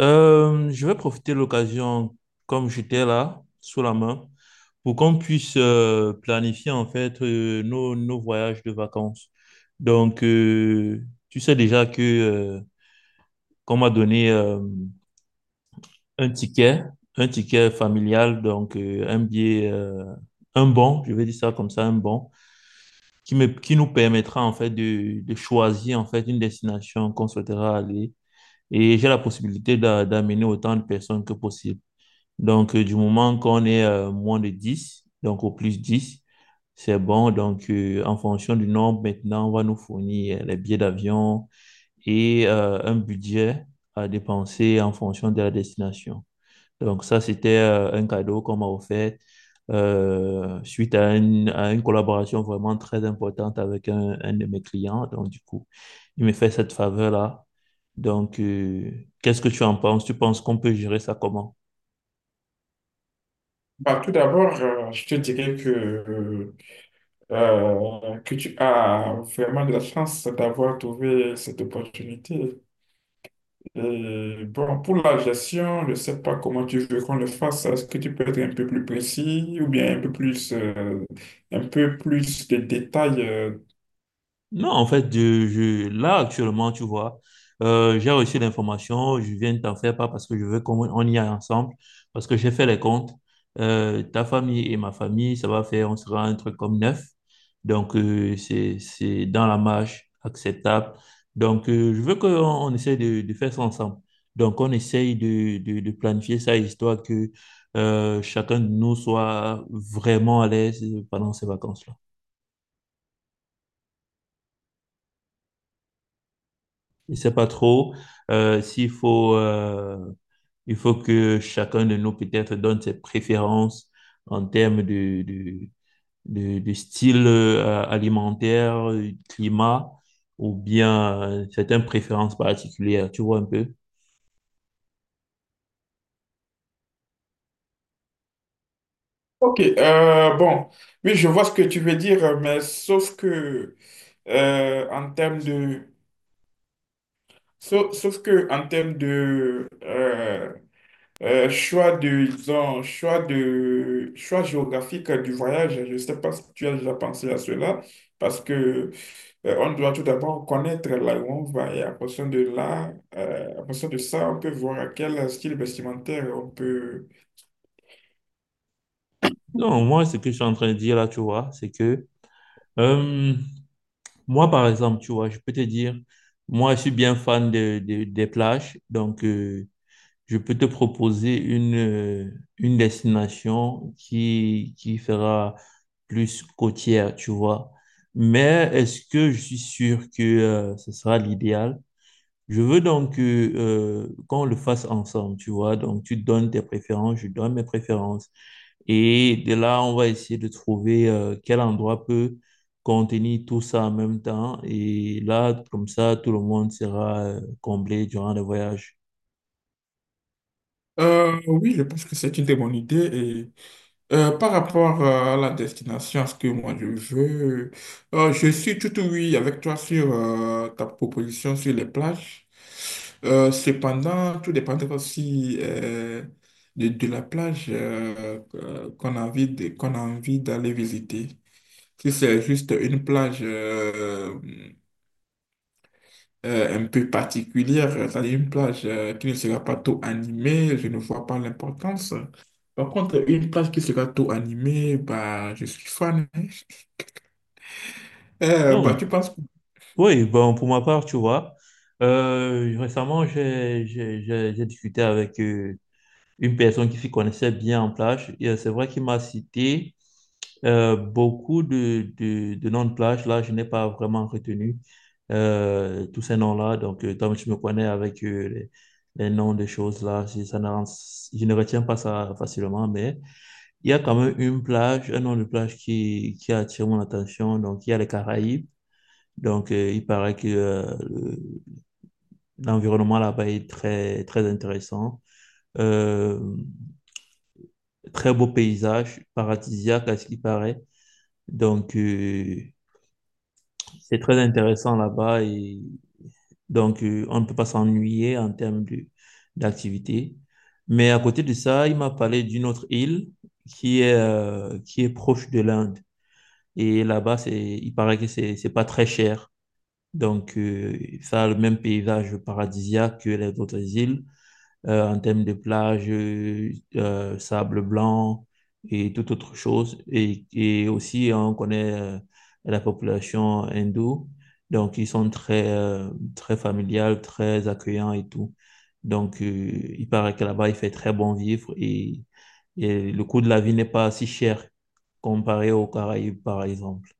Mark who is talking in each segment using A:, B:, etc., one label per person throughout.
A: Je vais profiter de l'occasion, comme j'étais là, sous la main, pour qu'on puisse planifier en fait nos voyages de vacances. Donc, euh, Tu sais déjà que qu'on m'a donné un ticket, un ticket familial, donc un billet, un bon, je vais dire ça comme ça, un bon, qui nous permettra en fait de choisir en fait une destination qu'on souhaitera aller. Et j'ai la possibilité d'amener autant de personnes que possible. Donc, du moment qu'on est moins de 10, donc au plus 10, c'est bon. Donc, en fonction du nombre, maintenant, on va nous fournir les billets d'avion et un budget à dépenser en fonction de la destination. Donc, ça, c'était un cadeau qu'on m'a offert suite à, à une collaboration vraiment très importante avec un de mes clients. Donc, du coup, il me fait cette faveur-là. Donc, euh, Qu'est-ce que tu en penses? Tu penses qu'on peut gérer ça comment?
B: Bah, tout d'abord, je te dirais que tu as vraiment de la chance d'avoir trouvé cette opportunité. Et bon, pour la gestion, je ne sais pas comment tu veux qu'on le fasse. Est-ce que tu peux être un peu plus précis ou bien un peu plus de détails?
A: Non, en fait, là, actuellement, tu vois, j'ai reçu l'information, je viens de t'en faire part parce que je veux qu'on on y aille ensemble, parce que j'ai fait les comptes. Ta famille et ma famille, ça va faire, on sera un truc comme neuf. Donc, c'est dans la marge, acceptable. Donc, je veux qu'on on essaye de faire ça ensemble. Donc, on essaye de planifier ça, histoire que chacun de nous soit vraiment à l'aise pendant ces vacances-là. Il sait pas trop euh, s'il faut, euh, il faut que chacun de nous peut-être donne ses préférences en termes de style alimentaire, climat ou bien certaines préférences particulières, tu vois un peu.
B: Ok, bon, oui, je vois ce que tu veux dire, mais sauf que en termes de, sauf, sauf que en termes de euh, choix de, disons, choix géographique du voyage, je ne sais pas si tu as déjà pensé à cela, parce que on doit tout d'abord connaître là où on va et à partir de ça, on peut voir à quel style vestimentaire on peut.
A: Non, moi, ce que je suis en train de dire là, tu vois, c'est que euh, moi, par exemple, tu vois, je peux te dire, moi, je suis bien fan des plages, donc je peux te proposer une destination qui fera plus côtière, tu vois. Mais est-ce que je suis sûr que ce sera l'idéal? Je veux donc qu'on le fasse ensemble, tu vois. Donc, tu donnes tes préférences, je donne mes préférences. Et de là, on va essayer de trouver quel endroit peut contenir tout ça en même temps. Et là, comme ça, tout le monde sera comblé durant le voyage.
B: Oui, je pense que c'est une très bonne idée. Par rapport à la destination, à ce que moi je veux, je suis tout oui avec toi sur ta proposition sur les plages. Cependant, tout dépendra aussi de la plage, qu'on a envie d'aller visiter. Si c'est juste une plage un peu particulière, c'est-à-dire une plage qui ne sera pas trop animée, je ne vois pas l'importance. Par contre, une plage qui sera trop animée, bah, je suis fan, hein. Bah,
A: Donc,
B: tu penses que...
A: Oui, bon, pour ma part, tu vois, récemment, j'ai discuté avec une personne qui s'y connaissait bien en plage. Et c'est vrai qu'il m'a cité beaucoup de noms de plage. Là, je n'ai pas vraiment retenu tous ces noms-là. Donc, comme je me connais avec les noms des choses, là, ça ne, je ne retiens pas ça facilement. Mais il y a quand même une plage, un nom de plage qui attire mon attention. Donc, il y a les Caraïbes. Donc, il paraît que l'environnement là-bas est très, très intéressant. Euh, Très beau paysage, paradisiaque à ce qu'il paraît. Donc, c'est très intéressant là-bas et donc, on ne peut pas s'ennuyer en termes d'activité. Mais à côté de ça, il m'a parlé d'une autre île qui est proche de l'Inde. Et là-bas, il paraît que c'est pas très cher. Donc, ça a le même paysage paradisiaque que les autres îles. En termes de plage, sable blanc et toute autre chose. Et aussi, on connaît la population hindoue. Donc, ils sont très familiales, très accueillants et tout. Donc, il paraît que là-bas, il fait très bon vivre et le coût de la vie n'est pas si cher comparé aux Caraïbes, par exemple.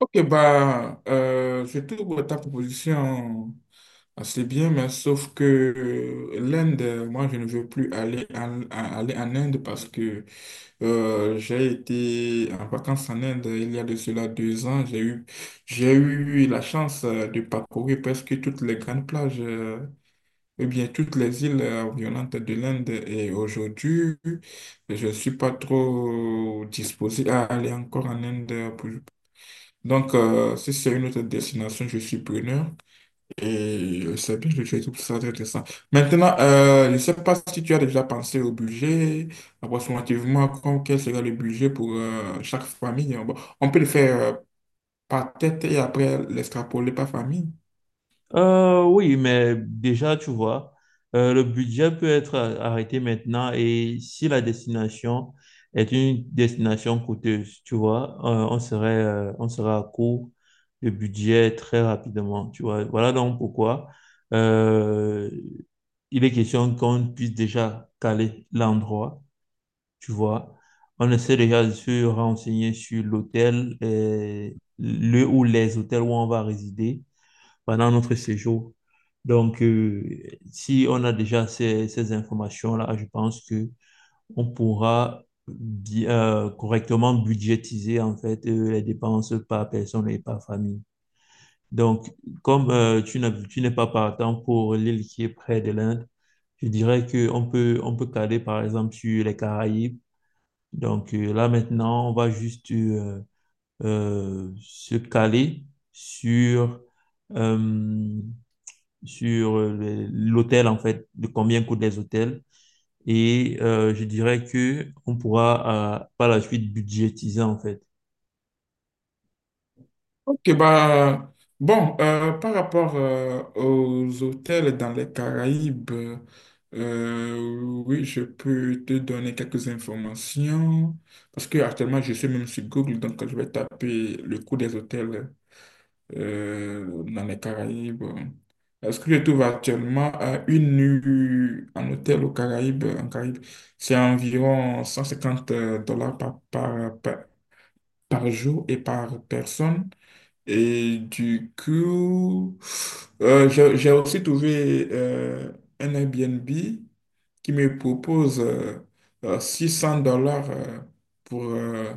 B: Ok, bah, je trouve ta proposition assez bien, mais sauf que l'Inde, moi, je ne veux plus aller aller en Inde, parce que j'ai été en vacances en Inde il y a de cela 2 ans. J'ai eu la chance de parcourir presque toutes les grandes plages, eh bien toutes les îles environnantes de l'Inde. Et aujourd'hui, je ne suis pas trop disposé à aller encore en Inde. Donc, si c'est une autre destination, je suis preneur. Et c'est bien, je trouve ça très intéressant. Maintenant, je ne sais pas si tu as déjà pensé au budget, approximativement, quel sera le budget pour chaque famille. Bon, on peut le faire par tête et après l'extrapoler par famille.
A: Oui, mais déjà, tu vois, le budget peut être arrêté maintenant et si la destination est une destination coûteuse, tu vois, on serait à court de budget très rapidement, tu vois. Voilà donc pourquoi euh, il est question qu'on puisse déjà caler l'endroit, tu vois. On essaie déjà de se renseigner sur l'hôtel, et le ou les hôtels où on va résider pendant notre séjour. Donc, si on a déjà ces informations-là, je pense que on pourra correctement budgétiser en fait les dépenses par personne et par famille. Donc, comme tu n'es pas partant pour l'île qui est près de l'Inde, je dirais que on peut caler par exemple sur les Caraïbes. Donc là maintenant, on va juste se caler sur euh, sur l'hôtel, en fait, de combien coûtent les hôtels. Et je dirais que on pourra par la suite budgétiser, en fait,
B: Ok, bah, bon, par rapport aux hôtels dans les Caraïbes, oui, je peux te donner quelques informations parce que actuellement, je suis même sur Google, donc je vais taper le coût des hôtels, dans les Caraïbes. Est-ce que je trouve actuellement à une nuit en hôtel aux Caraïbes, en Caraïbes, c'est environ 150 dollars par jour et par personne. Et du coup, j'ai aussi trouvé un Airbnb qui me propose 600 $, pour, euh,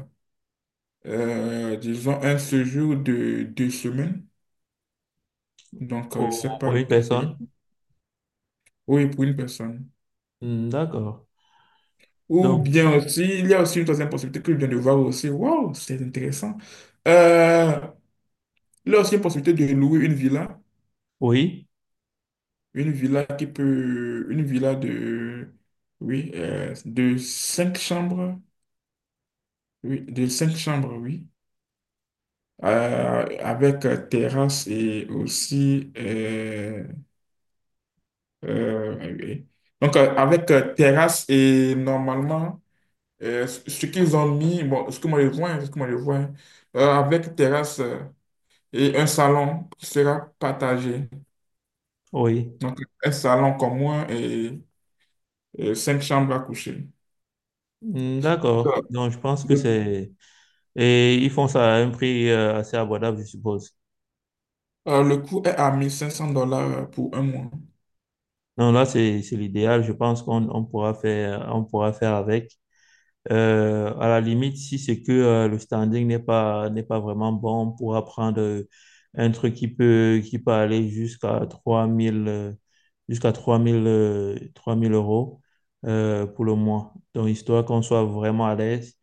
B: euh, disons, un séjour de 2 semaines. Donc, je ne sais pas
A: pour une
B: lequel serait.
A: personne.
B: Oui, pour une personne.
A: Hmm, d'accord.
B: Ou
A: Donc,
B: bien aussi, il y a aussi une troisième possibilité que je viens de voir aussi. Waouh, c'est intéressant. Euh, il y a aussi une possibilité de louer une villa.
A: oui,
B: Une villa qui peut. Une villa de. Oui, de cinq chambres. Oui, de cinq chambres, oui. Avec terrasse et aussi. Oui. Donc, avec terrasse et normalement. Ce qu'ils ont mis, bon, ce que moi je vois, hein, ce que moi je vois, hein, avec terrasse, et un salon qui sera partagé.
A: oui.
B: Donc, un salon commun et cinq chambres à coucher.
A: Hmm,
B: Donc,
A: d'accord. Donc, je pense que
B: le,
A: c'est... Et ils font ça à un prix assez abordable, je suppose.
B: le coût est à 1 500 $ pour un mois.
A: Non, là, c'est l'idéal. Je pense qu'on on pourra faire avec. À la limite, si c'est que le standing n'est pas vraiment bon, on pourra prendre un truc qui peut aller jusqu'à 3000, jusqu'à 3000 3000 euros pour le mois. Donc, histoire qu'on soit vraiment à l'aise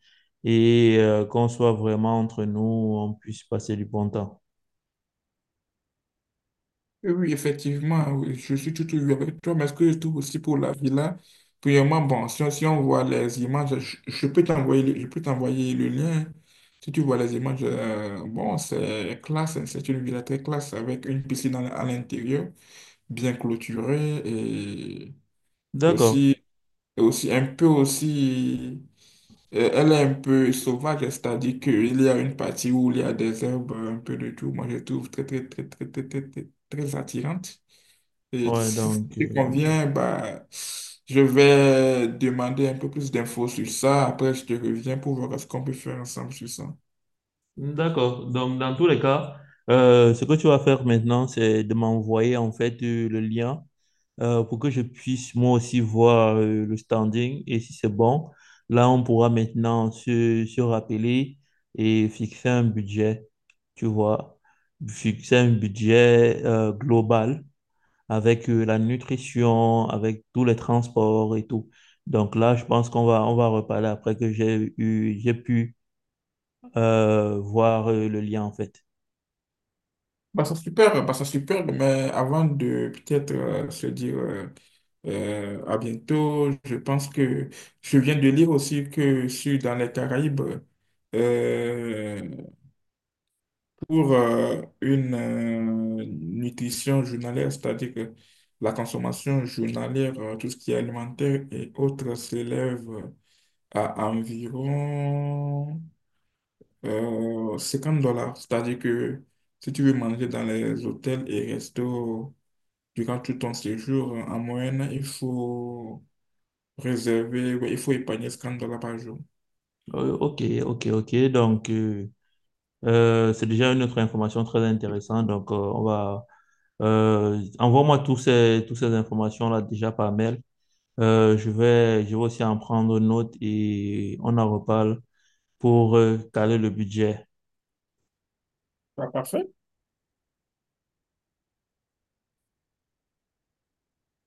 A: et qu'on soit vraiment entre nous, on puisse passer du bon temps.
B: Oui, oui, effectivement, oui, je suis tout ouïe avec toi, mais ce que je trouve aussi pour la villa, premièrement, bon, si on voit les images, je peux t'envoyer, je peux t'envoyer le lien. Si tu vois les images, bon, c'est classe, hein, c'est une villa très classe avec une piscine à l'intérieur, bien clôturée et
A: D'accord.
B: aussi, aussi un peu aussi, elle est un peu sauvage, c'est-à-dire qu'il y a une partie où il y a des herbes, un peu de tout. Moi, je trouve très, très, très, très, très, très, très, très attirante. Et
A: Ouais,
B: si ça
A: donc,
B: te
A: euh,
B: convient, bah, je vais demander un peu plus d'infos sur ça. Après, je te reviens pour voir ce qu'on peut faire ensemble sur ça.
A: d'accord. Donc, dans tous les cas, ce que tu vas faire maintenant, c'est de m'envoyer en fait le lien pour que je puisse moi aussi voir le standing. Et si c'est bon, là, on pourra maintenant se rappeler et fixer un budget, tu vois, fixer un budget global avec la nutrition, avec tous les transports et tout. Donc là, je pense qu'on va, on va reparler après que j'ai pu voir le lien en fait.
B: Bah, ça super, mais avant de peut-être se dire, à bientôt, je pense que je viens de lire aussi que sur dans les Caraïbes, euh, pour une nutrition journalière, c'est-à-dire que la consommation journalière, tout ce qui est alimentaire et autres, s'élève à environ 50 dollars. C'est-à-dire que si tu veux manger dans les hôtels et restos durant tout ton séjour, en moyenne, il faut réserver, ouais, il faut épargner 50 $ par jour.
A: Ok, ok, ok. Donc, c'est déjà une autre information très intéressante. Envoie-moi toutes ces informations-là déjà par mail. Je vais aussi en prendre note et on en reparle pour caler le budget.
B: Pas parfait.